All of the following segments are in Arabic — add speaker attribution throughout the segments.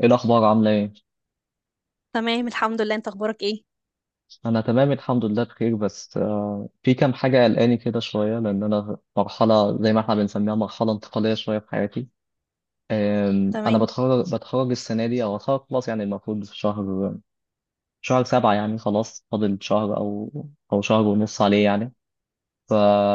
Speaker 1: ايه الاخبار؟ عامله ايه؟
Speaker 2: تمام، الحمد لله. انت اخبارك ايه؟
Speaker 1: انا تمام الحمد لله بخير، بس في كام حاجه قلقاني كده شويه، لان انا في مرحله زي ما احنا بنسميها مرحله انتقاليه شويه في حياتي. انا
Speaker 2: تمام،
Speaker 1: بتخرج السنه دي او هتخرج خلاص، يعني المفروض في شهر سبعة، يعني خلاص فاضل شهر او شهر ونص عليه يعني.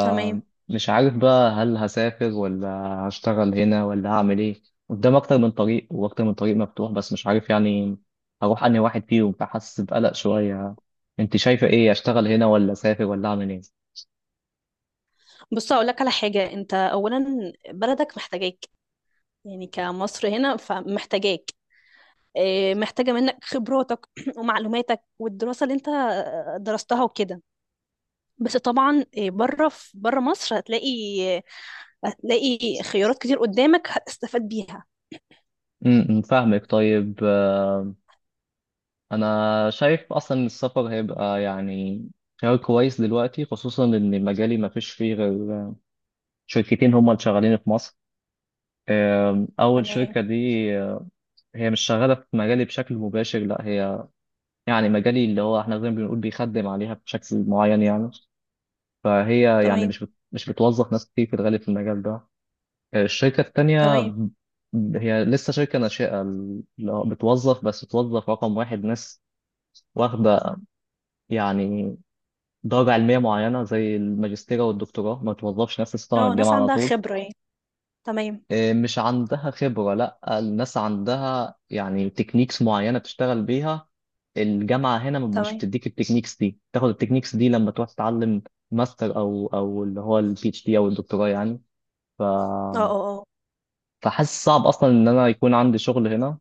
Speaker 2: تمام.
Speaker 1: عارف بقى، هل هسافر ولا هشتغل هنا ولا هعمل ايه؟ قدام اكتر من طريق، واكتر من طريق مفتوح بس مش عارف يعني هروح انهي واحد فيهم، فحاسس بقلق شوية. انت شايفة ايه؟ اشتغل هنا ولا اسافر ولا اعمل ايه؟
Speaker 2: بص، اقول لك على حاجه. انت اولا، بلدك محتاجاك. يعني كمصر هنا فمحتاجاك. اه، محتاجه منك خبراتك ومعلوماتك والدراسه اللي انت درستها وكده. بس طبعا بره، في بره مصر هتلاقي خيارات كتير قدامك هتستفاد بيها.
Speaker 1: فاهمك، طيب. انا شايف اصلا إن السفر هيبقى يعني خيار كويس دلوقتي، خصوصا ان مجالي ما فيش فيه غير شركتين هم اللي شغالين في مصر. اول
Speaker 2: تمام.
Speaker 1: شركة دي، آه، هي مش شغالة في مجالي بشكل مباشر، لا هي يعني مجالي اللي هو احنا زي ما بنقول بيخدم عليها بشكل معين يعني. فهي يعني
Speaker 2: تمام.
Speaker 1: مش بتوظف ناس كتير في الغالب في المجال ده. الشركة التانية
Speaker 2: تمام.
Speaker 1: هي لسه شركة ناشئة، اللي هو بتوظف، بس بتوظف رقم واحد، ناس واخدة يعني درجة علمية معينة زي الماجستير والدكتوراه، ما بتوظفش ناس لسه طالعة من
Speaker 2: اه، ناس
Speaker 1: الجامعة على
Speaker 2: عندها
Speaker 1: طول.
Speaker 2: خبره يعني. تمام.
Speaker 1: مش عندها خبرة، لا الناس عندها يعني تكنيكس معينة بتشتغل بيها. الجامعه هنا مش
Speaker 2: تمام.
Speaker 1: بتديك التكنيكس دي، تاخد التكنيكس دي لما تروح تتعلم ماستر او اللي هو PhD او الدكتوراه يعني. ف
Speaker 2: اه، اه، اه.
Speaker 1: فحاسس صعب اصلا ان انا يكون عندي شغل هنا،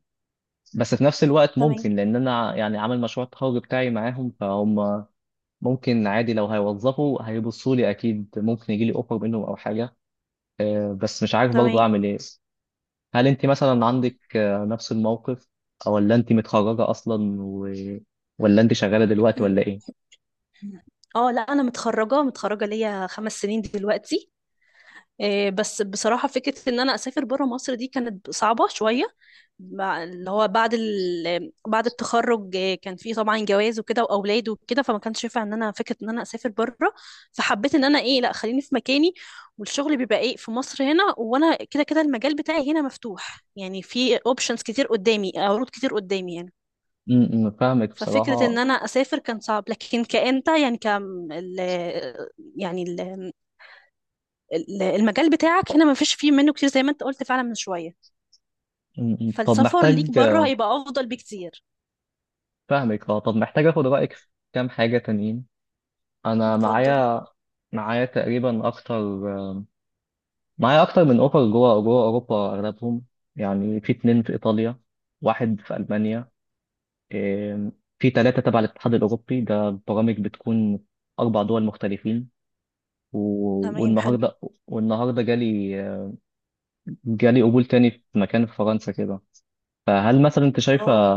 Speaker 1: بس في نفس الوقت
Speaker 2: تمام.
Speaker 1: ممكن، لان انا يعني عامل مشروع التخرج بتاعي معاهم، فهم ممكن عادي لو هيوظفوا هيبصوا لي اكيد، ممكن يجي لي اوفر منهم او حاجه. بس مش عارف برضه
Speaker 2: تمام.
Speaker 1: اعمل ايه. هل انت مثلا عندك نفس الموقف، ولا انت متخرجه اصلا ولا انت شغاله دلوقتي ولا ايه؟
Speaker 2: اه، لا انا متخرجه، متخرجه ليا 5 سنين دلوقتي. بس بصراحه فكره ان انا اسافر بره مصر دي كانت صعبه شويه، اللي هو بعد التخرج، كان في طبعا جواز وكده واولاد وكده، فما كانش ينفع ان انا فكره ان انا اسافر بره. فحبيت ان انا لا، خليني في مكاني. والشغل بيبقى في مصر هنا، وانا كده كده المجال بتاعي هنا مفتوح، يعني في اوبشنز كتير قدامي، عروض كتير قدامي يعني.
Speaker 1: م- م، فاهمك
Speaker 2: ففكرة ان
Speaker 1: بصراحة.
Speaker 2: انا اسافر كان صعب، لكن كأنت يعني يعني ال... المجال بتاعك هنا ما فيش فيه منه كتير زي ما انت قلت فعلا من شوية.
Speaker 1: م- م. طب
Speaker 2: فالسفر ليك
Speaker 1: محتاج.
Speaker 2: بره هيبقى افضل بكتير.
Speaker 1: فاهمك، اه، طب محتاج اخد رأيك في كام حاجة تانيين. انا
Speaker 2: اتفضل.
Speaker 1: معايا تقريبا اكتر، معايا اكتر من اوفر جوه اوروبا، اغلبهم يعني في 2 في ايطاليا، واحد في المانيا. إيه، في 3 تبع الاتحاد الاوروبي، ده برامج بتكون 4 دول مختلفين. و-
Speaker 2: تمام، حلو.
Speaker 1: والنهارده والنهارده جالي قبول تاني في مكان في فرنسا كده. فهل مثلا انت شايفة،
Speaker 2: اه،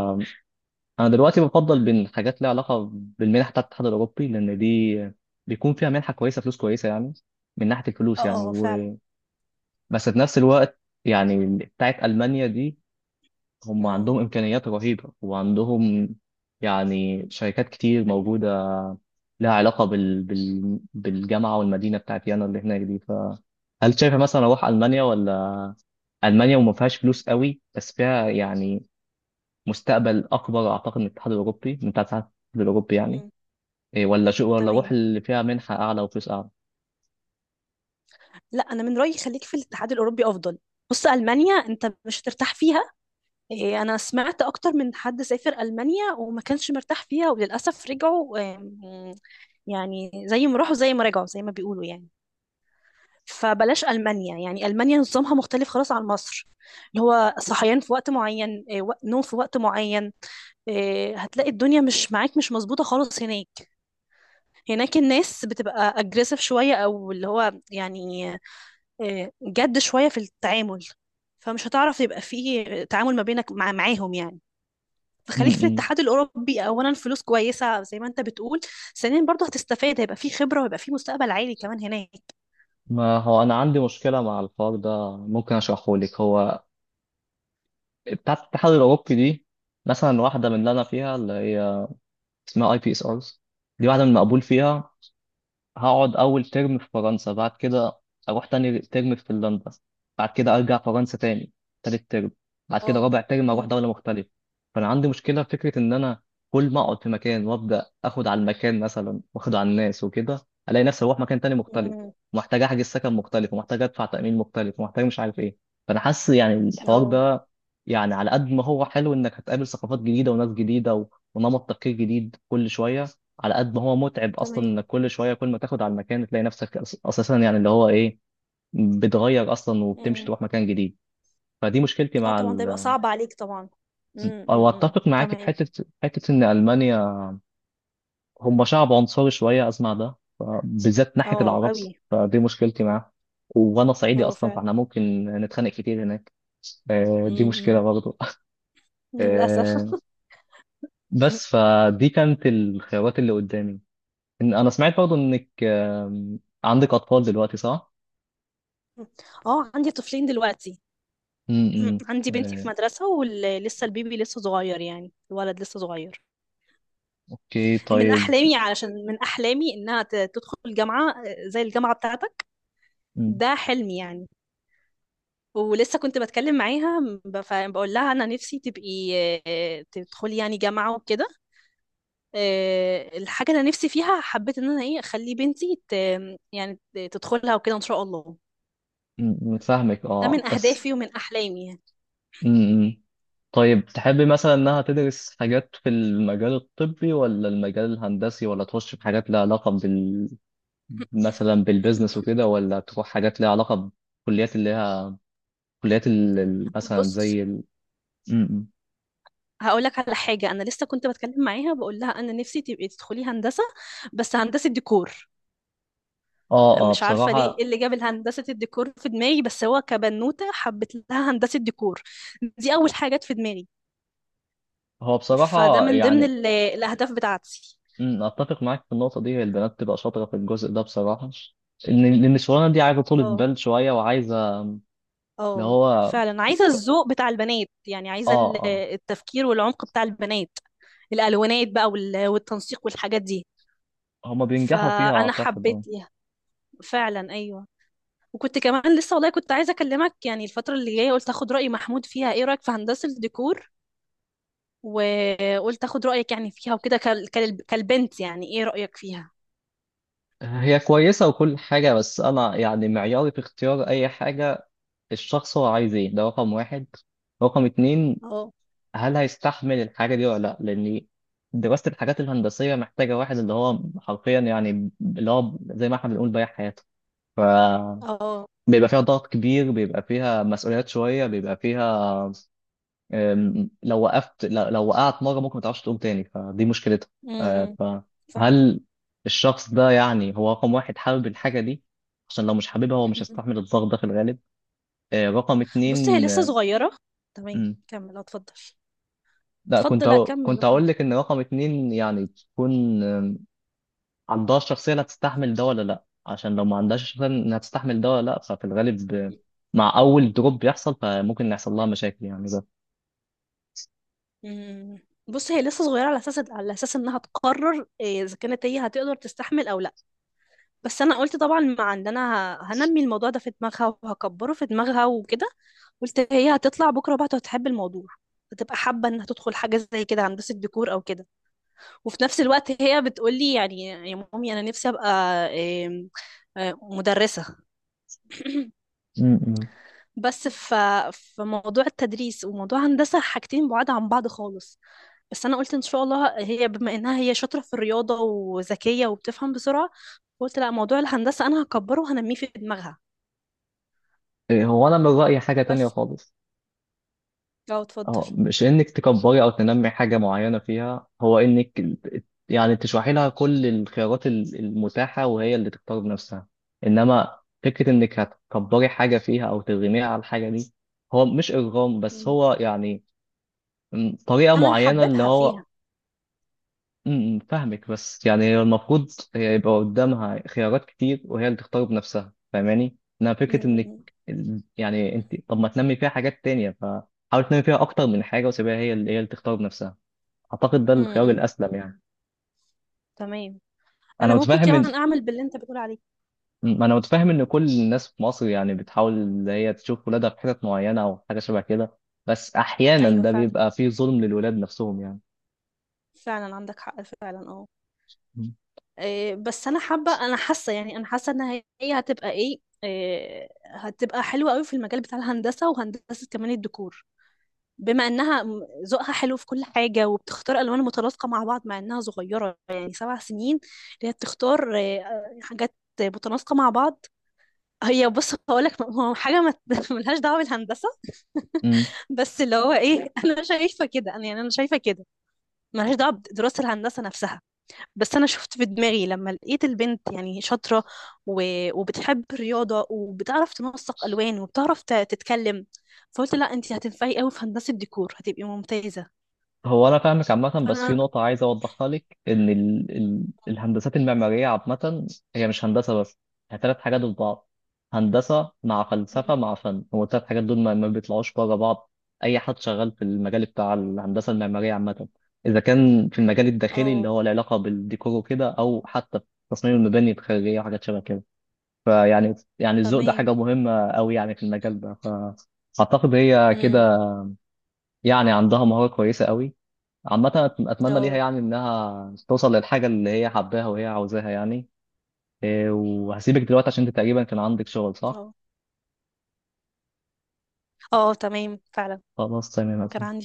Speaker 1: انا دلوقتي بفضل بين حاجات ليها علاقه بالمنح بتاعت الاتحاد الاوروبي، لان دي بيكون فيها منحه كويسه، فلوس كويسه يعني من ناحيه
Speaker 2: اه.
Speaker 1: الفلوس يعني
Speaker 2: آه، فعلا.
Speaker 1: بس في نفس الوقت يعني بتاعت المانيا دي، هم
Speaker 2: مم.
Speaker 1: عندهم امكانيات رهيبه، وعندهم يعني شركات كتير موجوده لها علاقه بالجامعه والمدينه بتاعت يانا اللي هناك دي. فهل شايفه مثلا اروح المانيا، ولا المانيا وما فيهاش فلوس قوي بس فيها يعني مستقبل اكبر اعتقد من الاتحاد الاوروبي، من بتاعت الاتحاد الاوروبي يعني؟
Speaker 2: مم.
Speaker 1: إيه، ولا شو، ولا
Speaker 2: تمام.
Speaker 1: اروح اللي فيها منحة اعلى وفلوس اعلى؟
Speaker 2: لا، انا من رأيي خليك في الاتحاد الاوروبي افضل. بص، المانيا انت مش هترتاح فيها. انا سمعت اكتر من حد سافر المانيا وما كانش مرتاح فيها وللاسف رجعوا. يعني زي ما راحوا زي ما رجعوا زي ما بيقولوا يعني. فبلاش المانيا، يعني المانيا نظامها مختلف خلاص عن مصر. اللي هو صحيان في وقت معين، نوم في وقت معين. هتلاقي الدنيا مش معاك، مش مظبوطة خالص هناك. هناك الناس بتبقى اجريسيف شوية، او اللي هو يعني جد شوية في التعامل. فمش هتعرف يبقى فيه تعامل ما بينك معاهم يعني. فخليك في
Speaker 1: امم
Speaker 2: الاتحاد الاوروبي. اولا فلوس كويسه زي ما انت بتقول، ثانيا برضه هتستفاد، هيبقى في خبره وهيبقى في مستقبل عالي كمان هناك.
Speaker 1: ما هو انا عندي مشكله مع الحوار ده، ممكن اشرحه لك. هو بتاعه الاتحاد الاوروبي دي، مثلا واحده من اللي انا فيها اللي هي اسمها اي بي اس ارز، دي واحده من المقبول فيها. هقعد أول ترم في فرنسا، بعد كده أروح تاني ترم في فنلندا، بعد كده أرجع فرنسا تاني تالت ترم، بعد
Speaker 2: اه.
Speaker 1: كده رابع ترم أروح
Speaker 2: مم.
Speaker 1: دولة مختلفة. فأنا عندي مشكلة في فكرة إن أنا كل ما أقعد في مكان وأبدأ آخد على المكان مثلا وآخد على الناس وكده، ألاقي نفسي أروح مكان تاني مختلف،
Speaker 2: مم.
Speaker 1: ومحتاج أحجز سكن مختلف، ومحتاج أدفع تأمين مختلف، ومحتاج مش عارف إيه. فأنا حاسس يعني الحوار
Speaker 2: اه،
Speaker 1: ده، يعني على قد ما هو حلو إنك هتقابل ثقافات جديدة وناس جديدة ونمط تفكير جديد كل شوية، على قد ما هو متعب اصلا
Speaker 2: تمام.
Speaker 1: انك كل شويه كل ما تاخد على المكان تلاقي نفسك اساسا يعني اللي هو ايه، بتغير اصلا وبتمشي
Speaker 2: مم.
Speaker 1: تروح مكان جديد. فدي مشكلتي
Speaker 2: اه،
Speaker 1: مع
Speaker 2: طبعا ده يبقى صعب عليك طبعا. مم.
Speaker 1: او
Speaker 2: مم. مم.
Speaker 1: اتفق معاك في
Speaker 2: تمام.
Speaker 1: حته حته ان المانيا هم شعب عنصري شويه اسمع ده، بالذات ناحيه
Speaker 2: اه،
Speaker 1: العرب.
Speaker 2: قوي.
Speaker 1: فدي مشكلتي معاه، وانا صعيدي
Speaker 2: اه،
Speaker 1: اصلا
Speaker 2: فعلا.
Speaker 1: فاحنا ممكن نتخانق كتير هناك.
Speaker 2: مم.
Speaker 1: دي مشكله
Speaker 2: مم.
Speaker 1: برضه. آه،
Speaker 2: للاسف.
Speaker 1: بس فدي كانت الخيارات اللي قدامي. انا سمعت برضه انك، عندك اطفال دلوقتي صح؟
Speaker 2: اه، عندي طفلين دلوقتي. مم.
Speaker 1: امم.
Speaker 2: عندي بنتي
Speaker 1: آه،
Speaker 2: في مدرسة، ولسه البيبي لسه صغير، يعني الولد لسه صغير.
Speaker 1: اوكي طيب.
Speaker 2: من أحلامي إنها تدخل الجامعة، زي الجامعة بتاعتك.
Speaker 1: م-
Speaker 2: ده حلمي يعني. ولسه كنت بتكلم معاها، بقول لها انا نفسي تبقي، تدخلي يعني جامعه وكده. الحاجه اللي أنا نفسي فيها، حبيت ان انا اخلي بنتي يعني تدخلها وكده ان شاء الله.
Speaker 1: فاهمك،
Speaker 2: ده
Speaker 1: اه،
Speaker 2: من
Speaker 1: بس.
Speaker 2: اهدافي ومن احلامي يعني.
Speaker 1: امم. طيب، تحبي مثلا انها تدرس حاجات في المجال الطبي ولا المجال الهندسي، ولا تخش في حاجات لها علاقة بال، مثلا بالبيزنس وكده، ولا تروح حاجات لها علاقة بكليات اللي هي كليات مثلا
Speaker 2: بص،
Speaker 1: زي م- م.
Speaker 2: هقول لك على حاجه. انا لسه كنت بتكلم معاها بقول لها انا نفسي تبقي تدخلي هندسه، بس هندسه ديكور.
Speaker 1: اه، اه،
Speaker 2: مش عارفه ليه
Speaker 1: بصراحة.
Speaker 2: إيه اللي جاب هندسه الديكور في دماغي، بس هو كبنوته حبت لها هندسه ديكور، دي اول حاجات في دماغي.
Speaker 1: هو
Speaker 2: فده
Speaker 1: بصراحة
Speaker 2: من ضمن
Speaker 1: يعني،
Speaker 2: الأهداف بتاعتي.
Speaker 1: اتفق معاك في النقطة دي. هي البنات تبقى شاطرة في الجزء ده بصراحة، إن الشغلانة دي عايزة طولة
Speaker 2: اه،
Speaker 1: بال شوية، وعايزة اللي
Speaker 2: اه.
Speaker 1: هو اه،
Speaker 2: فعلا، عايزة الذوق بتاع البنات، يعني عايزة
Speaker 1: اه.
Speaker 2: التفكير والعمق بتاع البنات. الألوانات بقى والتنسيق والحاجات دي.
Speaker 1: هما بينجحوا فيها
Speaker 2: فأنا
Speaker 1: اعتقد، اه.
Speaker 2: حبيتها. فعلا، أيوه. وكنت كمان لسه والله كنت عايزة أكلمك، يعني الفترة اللي جاية قلت أخد رأي محمود فيها، إيه رأيك في هندسة الديكور. وقلت أخد رأيك يعني فيها وكده، كالبنت يعني، إيه رأيك فيها.
Speaker 1: هي كويسة وكل حاجة، بس أنا يعني معياري في اختيار أي حاجة، الشخص هو عايز إيه؟ ده رقم واحد. رقم اتنين،
Speaker 2: اه،
Speaker 1: هل هيستحمل الحاجة دي ولا لأ؟ لأن دراسة الحاجات الهندسية محتاجة واحد اللي هو حرفيا يعني اللي هو زي ما احنا بنقول بايع حياته. فبيبقى
Speaker 2: اه.
Speaker 1: فيها ضغط كبير، بيبقى فيها مسؤوليات شوية، بيبقى فيها لو وقفت، لو وقعت مره ممكن ما تعرفش تقوم تاني، فدي مشكلتها.
Speaker 2: أمم،
Speaker 1: أه، فهل الشخص ده يعني هو رقم واحد حابب الحاجه دي؟ عشان لو مش حاببها هو مش
Speaker 2: فعلا.
Speaker 1: هيستحمل الضغط ده في الغالب. رقم
Speaker 2: بص، هي
Speaker 1: اتنين.
Speaker 2: لسه صغيرة. تمام.
Speaker 1: مم.
Speaker 2: كمل، اتفضل.
Speaker 1: لا،
Speaker 2: اتفضل، لا كمل
Speaker 1: كنت
Speaker 2: وخلاص.
Speaker 1: هقول لك ان رقم اتنين يعني تكون، عندها الشخصيه اللي هتستحمل ده ولا لا. عشان لو ما عندهاش الشخصيه انها تستحمل ده ولا لا، ففي الغالب، مع اول دروب بيحصل فممكن يحصل لها مشاكل يعني ده.
Speaker 2: مم. بص، هي لسه صغيرة على اساس انها تقرر اذا كانت هي هتقدر تستحمل او لا. بس انا قلت طبعا مع ان انا هنمي الموضوع ده في دماغها وهكبره في دماغها وكده. قلت هي هتطلع بكرة بقى هتحب الموضوع، هتبقى حابة انها تدخل حاجة زي كده هندسة ديكور او كده. وفي نفس الوقت هي بتقولي يعني يا مامي انا نفسي ابقى إيه، آه، مدرسة.
Speaker 1: مم.
Speaker 2: بس ف... في موضوع التدريس وموضوع هندسة حاجتين بعاد عن بعض خالص. بس أنا قلت إن شاء الله هي بما إنها هي شاطرة في الرياضة وذكية وبتفهم بسرعة، قلت لا موضوع الهندسة أنا هكبره وهنميه في دماغها.
Speaker 1: هو انا من رايي حاجه تانية
Speaker 2: بس.
Speaker 1: خالص،
Speaker 2: اه، اتفضل.
Speaker 1: اه، مش انك تكبري او تنمي حاجه معينه فيها، هو انك يعني تشرحي لها كل الخيارات المتاحه، وهي اللي تختار بنفسها. انما فكره انك هتكبري حاجه فيها او ترغميها على الحاجه دي، هو مش ارغام بس
Speaker 2: مم.
Speaker 1: هو يعني، طريقه
Speaker 2: أنا
Speaker 1: معينه اللي
Speaker 2: هحببها
Speaker 1: هو.
Speaker 2: فيها.
Speaker 1: فاهمك، بس يعني هي المفروض، هي يبقى قدامها خيارات كتير وهي اللي تختار بنفسها، فاهماني؟ انها فكره انك
Speaker 2: مم.
Speaker 1: يعني انت، طب ما تنمي فيها حاجات تانية، فحاول تنمي فيها اكتر من حاجه وسيبها هي اللي هي اللي تختار بنفسها، اعتقد ده الخيار
Speaker 2: مم.
Speaker 1: الاسلم يعني.
Speaker 2: تمام.
Speaker 1: انا
Speaker 2: أنا ممكن
Speaker 1: متفاهم ان
Speaker 2: كمان أعمل باللي أنت بتقول عليه.
Speaker 1: ما انا متفاهم ان كل الناس في مصر يعني بتحاول ان هي تشوف ولادها في حتت معينه او حاجه شبه كده، بس احيانا
Speaker 2: أيوه،
Speaker 1: ده
Speaker 2: فعلا.
Speaker 1: بيبقى فيه ظلم للولاد نفسهم يعني.
Speaker 2: فعلا، عندك حق فعلا. اه. بس انا حابه، انا حاسه ان هي هتبقى ايه إيه، هتبقى حلوه قوي في المجال بتاع الهندسه، وهندسه كمان الديكور. بما انها ذوقها حلو في كل حاجه وبتختار الوان متناسقه مع بعض، مع انها صغيره يعني 7 سنين، اللي هي بتختار حاجات متناسقه مع بعض. هي بص هقول لك، هو حاجه ما ملهاش دعوه بالهندسه.
Speaker 1: امم.
Speaker 2: بس اللي هو انا شايفه كده، انا يعني انا شايفه كده، ملهاش دعوه بدراسه الهندسه نفسها. بس انا شفت في دماغي لما لقيت البنت يعني شاطره و... وبتحب الرياضه وبتعرف تنسق الوان وبتعرف تتكلم. فقلت لا، انت هتنفعي قوي في هندسه ديكور، هتبقي ممتازه.
Speaker 1: هو انا فاهمك عامه، بس في
Speaker 2: فانا.
Speaker 1: نقطه عايز اوضحها لك، ان الهندسات المعماريه عامه هي مش هندسه بس، هي ثلاث حاجات في بعض: هندسه مع فلسفه
Speaker 2: مم.
Speaker 1: مع فن. هو الثلاث حاجات دول ما بيطلعوش بره بعض. اي حد شغال في المجال بتاع الهندسه المعماريه عامه، اذا كان في المجال الداخلي اللي
Speaker 2: اه،
Speaker 1: هو العلاقه بالديكور وكده، او حتى في تصميم المباني الخارجيه وحاجات شبه كده، يعني الذوق ده
Speaker 2: تمام.
Speaker 1: حاجه مهمه قوي يعني في المجال ده. فاعتقد هي
Speaker 2: امم.
Speaker 1: كده يعني عندها مهاره كويسه قوي. عامة، أتمنى ليها
Speaker 2: اه،
Speaker 1: يعني إنها توصل للحاجة اللي هي حباها وهي عاوزاها يعني. وهسيبك دلوقتي عشان أنت تقريبا كان عندك شغل، صح؟
Speaker 2: اه، اه. تمام، فعلا.
Speaker 1: خلاص،
Speaker 2: كان
Speaker 1: تمام.
Speaker 2: عندي